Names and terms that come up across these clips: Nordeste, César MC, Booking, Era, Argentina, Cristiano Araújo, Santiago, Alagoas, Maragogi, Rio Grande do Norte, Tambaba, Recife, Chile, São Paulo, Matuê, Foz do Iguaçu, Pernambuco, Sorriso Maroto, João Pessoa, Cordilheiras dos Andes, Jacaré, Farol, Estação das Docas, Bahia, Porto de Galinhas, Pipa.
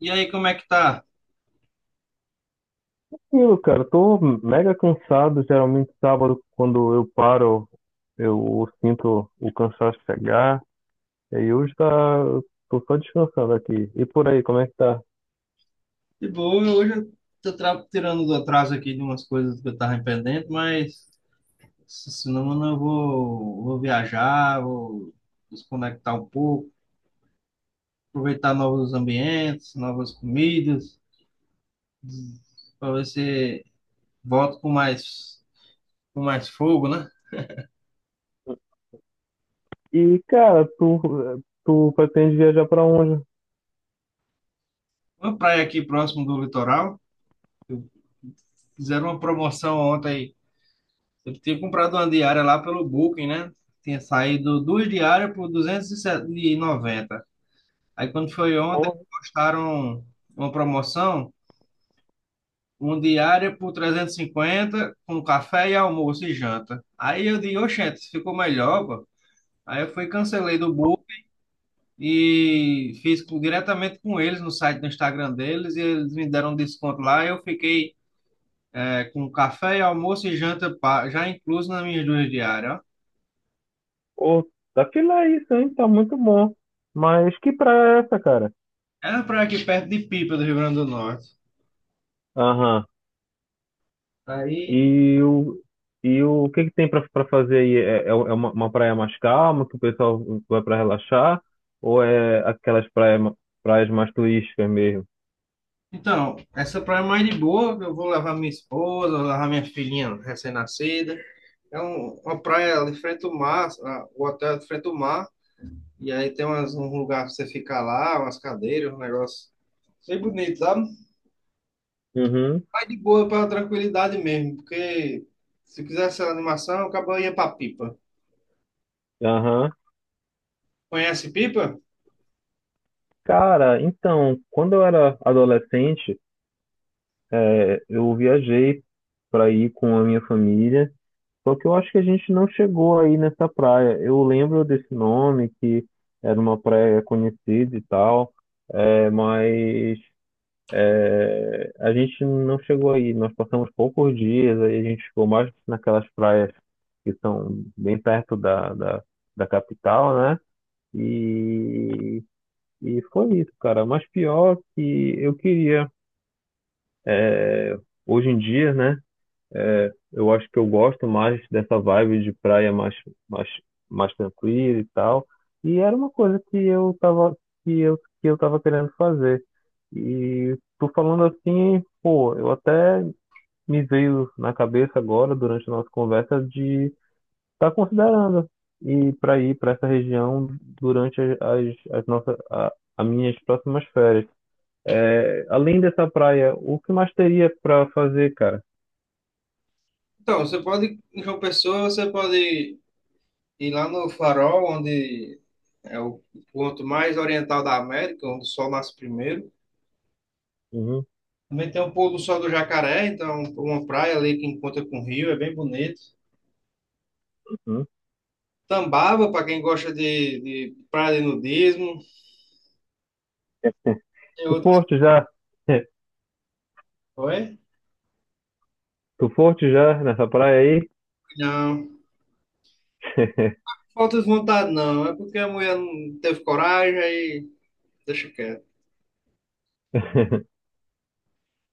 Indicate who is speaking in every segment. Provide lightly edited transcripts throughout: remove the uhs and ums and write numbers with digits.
Speaker 1: E aí, como é que tá?
Speaker 2: Tranquilo, cara. Tô mega cansado. Geralmente sábado, quando eu paro, eu sinto o cansaço chegar. E aí hoje tá, tô só descansando aqui. E por aí, como é que tá?
Speaker 1: De boa, hoje eu tirando do atraso aqui de umas coisas que eu tava pendente, mas se não, mano, vou viajar, vou desconectar um pouco, aproveitar novos ambientes, novas comidas, para ver se volto com mais fogo, né?
Speaker 2: E cara, tu pretende viajar pra onde?
Speaker 1: Uma praia aqui próximo do litoral, eu- fizeram uma promoção ontem, eu tinha comprado uma diária lá pelo Booking, né? Tinha saído duas diárias por R$ 290. Aí quando foi
Speaker 2: Pô,
Speaker 1: ontem, postaram uma promoção, um diária por 350 com café e almoço e janta. Aí eu disse, oxente, ficou melhor, pô. Aí eu fui, cancelei do book e diretamente com eles no site do Instagram deles e eles me deram um desconto lá. Eu fiquei com café almoço e janta já incluso nas minhas duas diárias, ó.
Speaker 2: pô, tá fila isso, hein? Tá muito bom. Mas que praia é essa, cara?
Speaker 1: Era uma praia aqui perto de Pipa, do Rio Grande do Norte.
Speaker 2: Aham.
Speaker 1: Aí
Speaker 2: E o, e o que que tem pra fazer aí? Uma praia mais calma, que o pessoal vai pra relaxar? Ou é praias mais turísticas mesmo?
Speaker 1: Então, essa praia é mais de boa. Eu vou levar minha esposa, vou levar minha filhinha recém-nascida. Uma praia ali frente ao mar, o hotel é de frente ao mar. E aí tem umas, um lugar pra você ficar lá, umas cadeiras, um negócio bem bonito, sabe?
Speaker 2: Uhum.
Speaker 1: Mais de boa pra tranquilidade mesmo, porque se quisesse animação, acabou ia pra Pipa.
Speaker 2: Aham.
Speaker 1: Conhece Pipa?
Speaker 2: Cara, então, quando eu era adolescente, eu viajei pra ir com a minha família, só que eu acho que a gente não chegou aí nessa praia. Eu lembro desse nome, que era uma praia conhecida e tal, mas é, a gente não chegou aí, nós passamos poucos dias, aí a gente ficou mais naquelas praias que são bem perto da capital, né? E, e foi isso, cara. Mas pior que eu queria, é, hoje em dia, né? É, eu acho que eu gosto mais dessa vibe de praia mais, mais tranquila e tal. E era uma coisa que eu tava, que eu tava querendo fazer. E tô falando assim, pô, eu até me veio na cabeça agora, durante a nossa conversa, de estar tá considerando ir para essa região durante as minhas próximas férias. É, além dessa praia, o que mais teria para fazer, cara?
Speaker 1: Então, você pode, em João Pessoa, você pode ir lá no Farol, onde é o ponto mais oriental da América, onde o sol nasce primeiro.
Speaker 2: Uhum.
Speaker 1: Também tem o pôr do sol do Jacaré, então uma praia ali que encontra com o rio, é bem bonito.
Speaker 2: Uhum.
Speaker 1: Tambaba, para quem gosta de praia de nudismo. Tem
Speaker 2: Tu
Speaker 1: outras.
Speaker 2: foste já?
Speaker 1: Oi?
Speaker 2: Tu foste já nessa praia aí?
Speaker 1: Não. Falta de vontade, não. É porque a mulher não teve coragem, aí deixa quieto.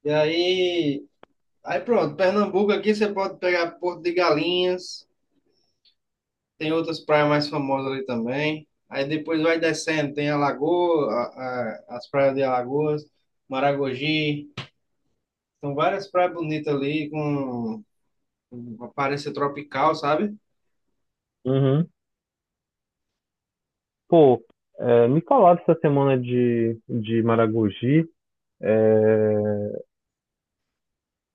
Speaker 1: E aí. Aí pronto, Pernambuco aqui você pode pegar Porto de Galinhas. Tem outras praias mais famosas ali também. Aí depois vai descendo, tem Alagoas, as praias de Alagoas, Maragogi. São várias praias bonitas ali, com uma aparência tropical, sabe?
Speaker 2: Uhum. Pô, é, me falaram essa semana de Maragogi, é,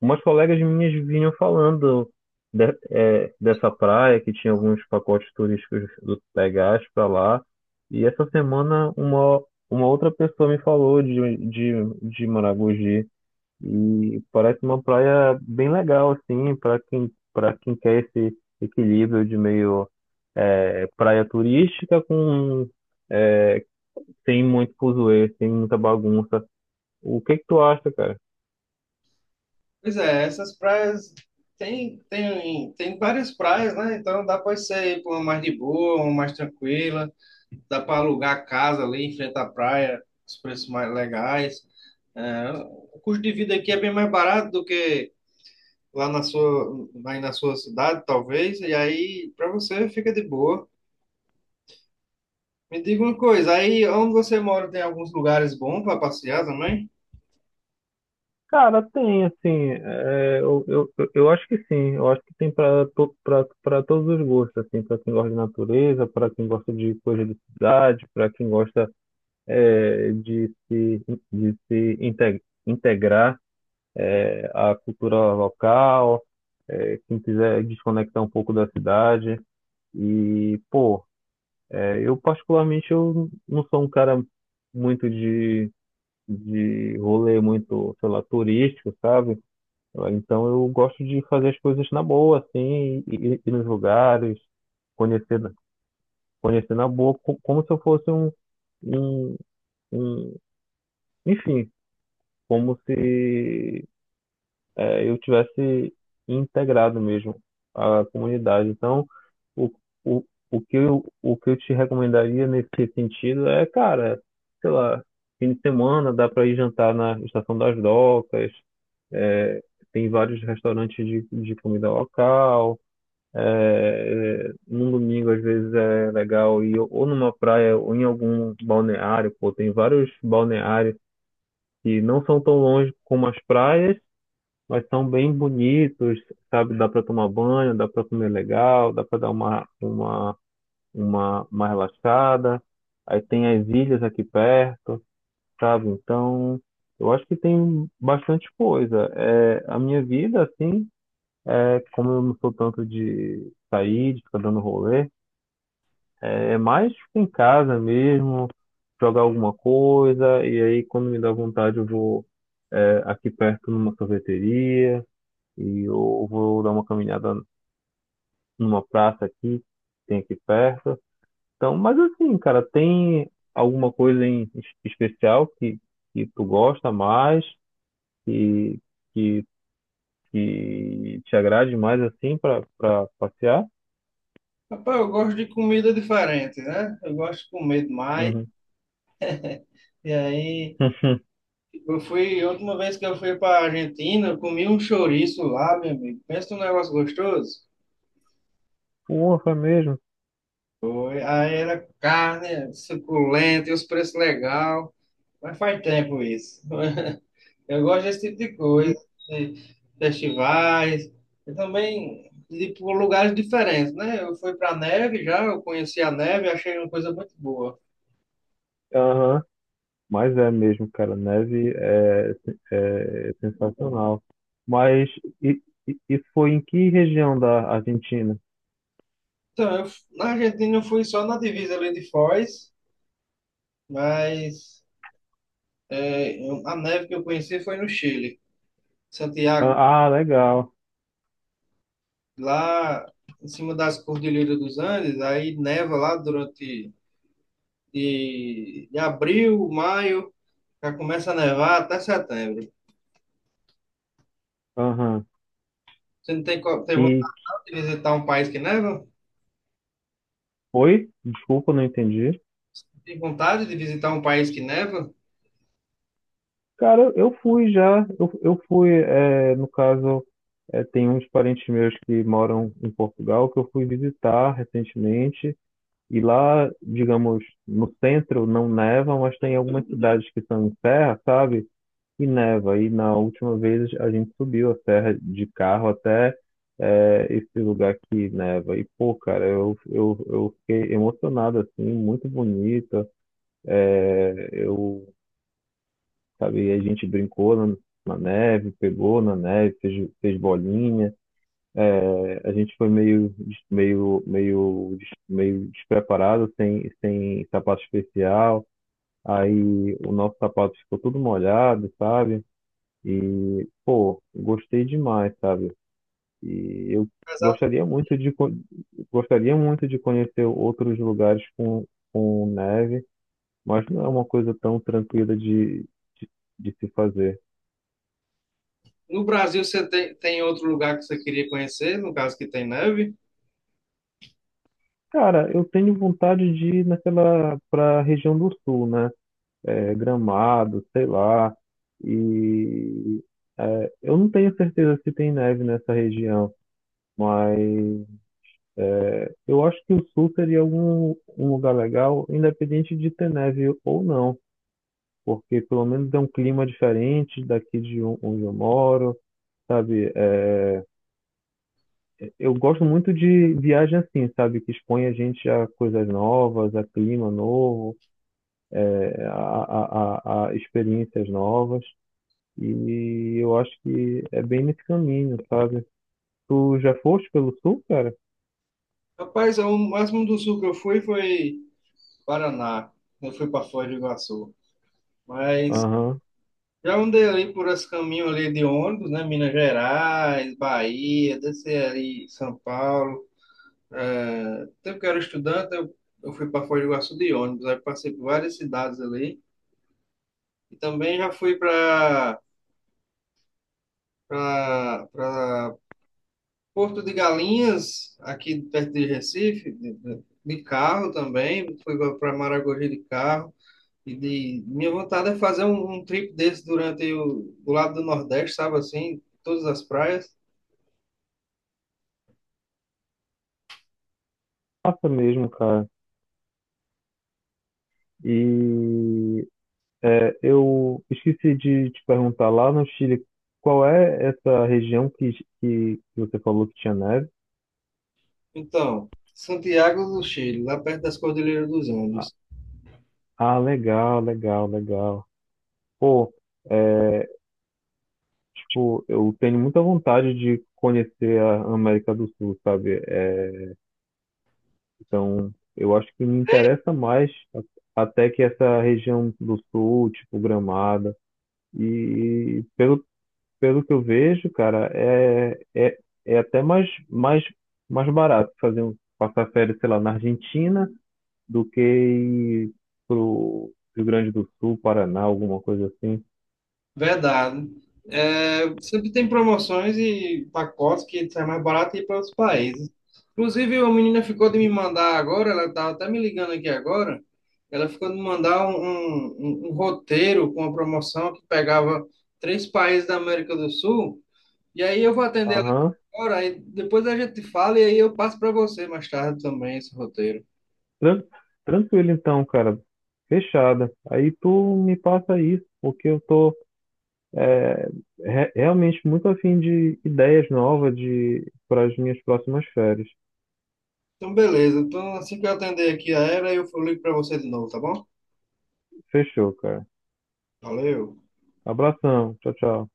Speaker 2: umas colegas minhas vinham falando é, dessa praia, que tinha alguns pacotes turísticos do Pegás pra lá. E essa semana uma outra pessoa me falou de Maragogi. E parece uma praia bem legal, assim, para quem quer esse equilíbrio de meio é, praia turística com é, sem muito fuzuê, sem muita bagunça. O que que tu acha, cara?
Speaker 1: Pois é, essas praias. Tem várias praias, né? Então dá para você ir para uma mais de boa, uma mais tranquila. Dá para alugar casa ali em frente à praia, os preços mais legais. É, o custo de vida aqui é bem mais barato do que lá na sua, aí na sua cidade, talvez. E aí, para você, fica de boa. Me diga uma coisa, aí onde você mora tem alguns lugares bons para passear também?
Speaker 2: Cara, tem, assim, eu acho que sim, eu acho que tem para todos os gostos, assim, para quem gosta de natureza, para quem gosta de coisa de cidade, para quem gosta é, de se integrar a cultura local, é, quem quiser desconectar um pouco da cidade. E, pô, é, eu particularmente eu não sou um cara muito de rolê muito, sei lá, turístico, sabe? Então eu gosto de fazer as coisas na boa, assim, ir nos lugares, conhecer, conhecer na boa, como se eu fosse um, um, enfim, como se é, eu tivesse integrado mesmo a comunidade. Então, o, o, o que eu te recomendaria nesse sentido é, cara, sei lá, fim de semana dá para ir jantar na Estação das Docas, é, tem vários restaurantes de comida local. É, num domingo, às vezes, é legal ir ou numa praia ou em algum balneário. Pô, tem vários balneários que não são tão longe como as praias, mas são bem bonitos, sabe? Dá para tomar banho, dá para comer legal, dá para dar uma relaxada. Aí tem as ilhas aqui perto, sabe? Então, eu acho que tem bastante coisa. É, a minha vida, assim, é que como eu não sou tanto de sair, de ficar dando rolê, é é mais ficar em casa mesmo, jogar alguma coisa, e aí quando me dá vontade eu vou, é, aqui perto numa sorveteria e eu vou dar uma caminhada numa praça aqui, tem aqui perto. Então, mas assim, cara, tem alguma coisa em especial que tu gosta mais, que, que, que te agrade mais assim para passear?
Speaker 1: Rapaz, eu gosto de comida diferente, né? Eu gosto de comer demais.
Speaker 2: Uhum.
Speaker 1: E aí, eu fui, a última vez que eu fui para Argentina, eu comi um chouriço lá, meu amigo. Pensa num negócio gostoso.
Speaker 2: Porra, é mesmo.
Speaker 1: Aí era carne, suculenta, e os preços legal. Mas faz tempo isso. Eu gosto desse tipo de coisa,
Speaker 2: E,
Speaker 1: de festivais, e também de ir por lugares diferentes, né? Eu fui para neve já, eu conheci a neve, achei uma coisa muito boa.
Speaker 2: aham, mas é mesmo, cara, neve é, é é sensacional. Mas e, isso foi em que região da Argentina?
Speaker 1: Então, na Argentina eu fui só na divisa ali de Foz, mas a neve que eu conheci foi no Chile. Santiago,
Speaker 2: Ah, ah, legal.
Speaker 1: lá em cima das Cordilheiras dos Andes, aí neva lá durante de abril, maio, já começa a nevar até setembro.
Speaker 2: Aham.
Speaker 1: Você não tem, co- tem
Speaker 2: E
Speaker 1: vontade de visitar um país que neva?
Speaker 2: foi? Desculpa, não entendi.
Speaker 1: Tem vontade de visitar um país que neva?
Speaker 2: Cara, eu fui já. Eu fui, é, no caso, é, tem uns parentes meus que moram em Portugal que eu fui visitar recentemente. E lá, digamos, no centro não neva, mas tem algumas cidades que são em serra, sabe? E neva. E na última vez a gente subiu a serra de carro até é, esse lugar que neva. E, pô, cara, eu fiquei emocionado, assim, muito bonita. É, eu sabe? E a gente brincou na neve, pegou na neve, fez bolinha. É, a gente foi meio, meio despreparado, sem sapato especial. Aí o nosso sapato ficou todo molhado, sabe? E, pô, gostei demais, sabe? E eu
Speaker 1: Apesar-
Speaker 2: gostaria muito gostaria muito de conhecer outros lugares com neve, mas não é uma coisa tão tranquila de, de se fazer.
Speaker 1: No Brasil, você tem, tem outro lugar que você queria conhecer, no caso que tem neve?
Speaker 2: Cara, eu tenho vontade de ir naquela para região do sul, né? É, Gramado, sei lá. E é, eu não tenho certeza se tem neve nessa região, mas eu acho que o sul seria algum um lugar legal, independente de ter neve ou não, porque pelo menos é um clima diferente daqui de onde eu moro, sabe? É, eu gosto muito de viagem assim, sabe? Que expõe a gente a coisas novas, a clima novo. É, a experiências novas. E eu acho que é bem nesse caminho, sabe? Tu já foste pelo sul, cara?
Speaker 1: Rapaz, o máximo do sul que eu fui foi Paraná. Eu fui para Foz do Iguaçu. Mas
Speaker 2: Aham.
Speaker 1: já andei ali por esse caminho ali de ônibus, né? Minas Gerais, Bahia, desci ali em São Paulo. É, tempo que eu era estudante, eu fui para Foz do Iguaçu de ônibus. Aí passei por várias cidades ali. E também já fui para Porto de Galinhas, aqui perto de Recife, de carro também. Fui para Maragogi de carro. E de, minha vontade é fazer um trip desse durante o, do lado do Nordeste, sabe assim, todas as praias.
Speaker 2: Passa mesmo, cara. E é, eu esqueci de te perguntar lá no Chile, qual é essa região que você falou que tinha neve?
Speaker 1: Então, Santiago do Chile, lá perto das Cordilheiras dos
Speaker 2: Ah,
Speaker 1: Andes.
Speaker 2: ah, legal, legal, legal. Pô, é, tipo, eu tenho muita vontade de conhecer a América do Sul, sabe? É, então, eu acho que me interessa mais até que essa região do sul, tipo Gramado. E pelo que eu vejo, cara, é, é, é até mais barato fazer um, passar férias, sei lá, na Argentina do que ir pro Rio Grande do Sul, Paraná, alguma coisa assim.
Speaker 1: Verdade. É, sempre tem promoções e pacotes que sai mais barato e ir para outros países. Inclusive, a menina ficou de me
Speaker 2: Sim.
Speaker 1: mandar agora, ela estava até me ligando aqui agora, ela ficou de me mandar um roteiro com a promoção que pegava 3 países da América do Sul, e aí eu vou atender.
Speaker 2: Aham.
Speaker 1: Ora, aí depois a gente fala e aí eu passo para você mais tarde também esse roteiro.
Speaker 2: Tran- Tranquilo então, cara. Fechada. Aí tu me passa isso, porque eu tô é, realmente muito afim de ideias novas de para as minhas próximas férias.
Speaker 1: Então, beleza. Então, assim que eu atender aqui a Era, eu ligo para você de novo, tá bom?
Speaker 2: Fechou, cara.
Speaker 1: Valeu.
Speaker 2: Abração. Tchau, tchau.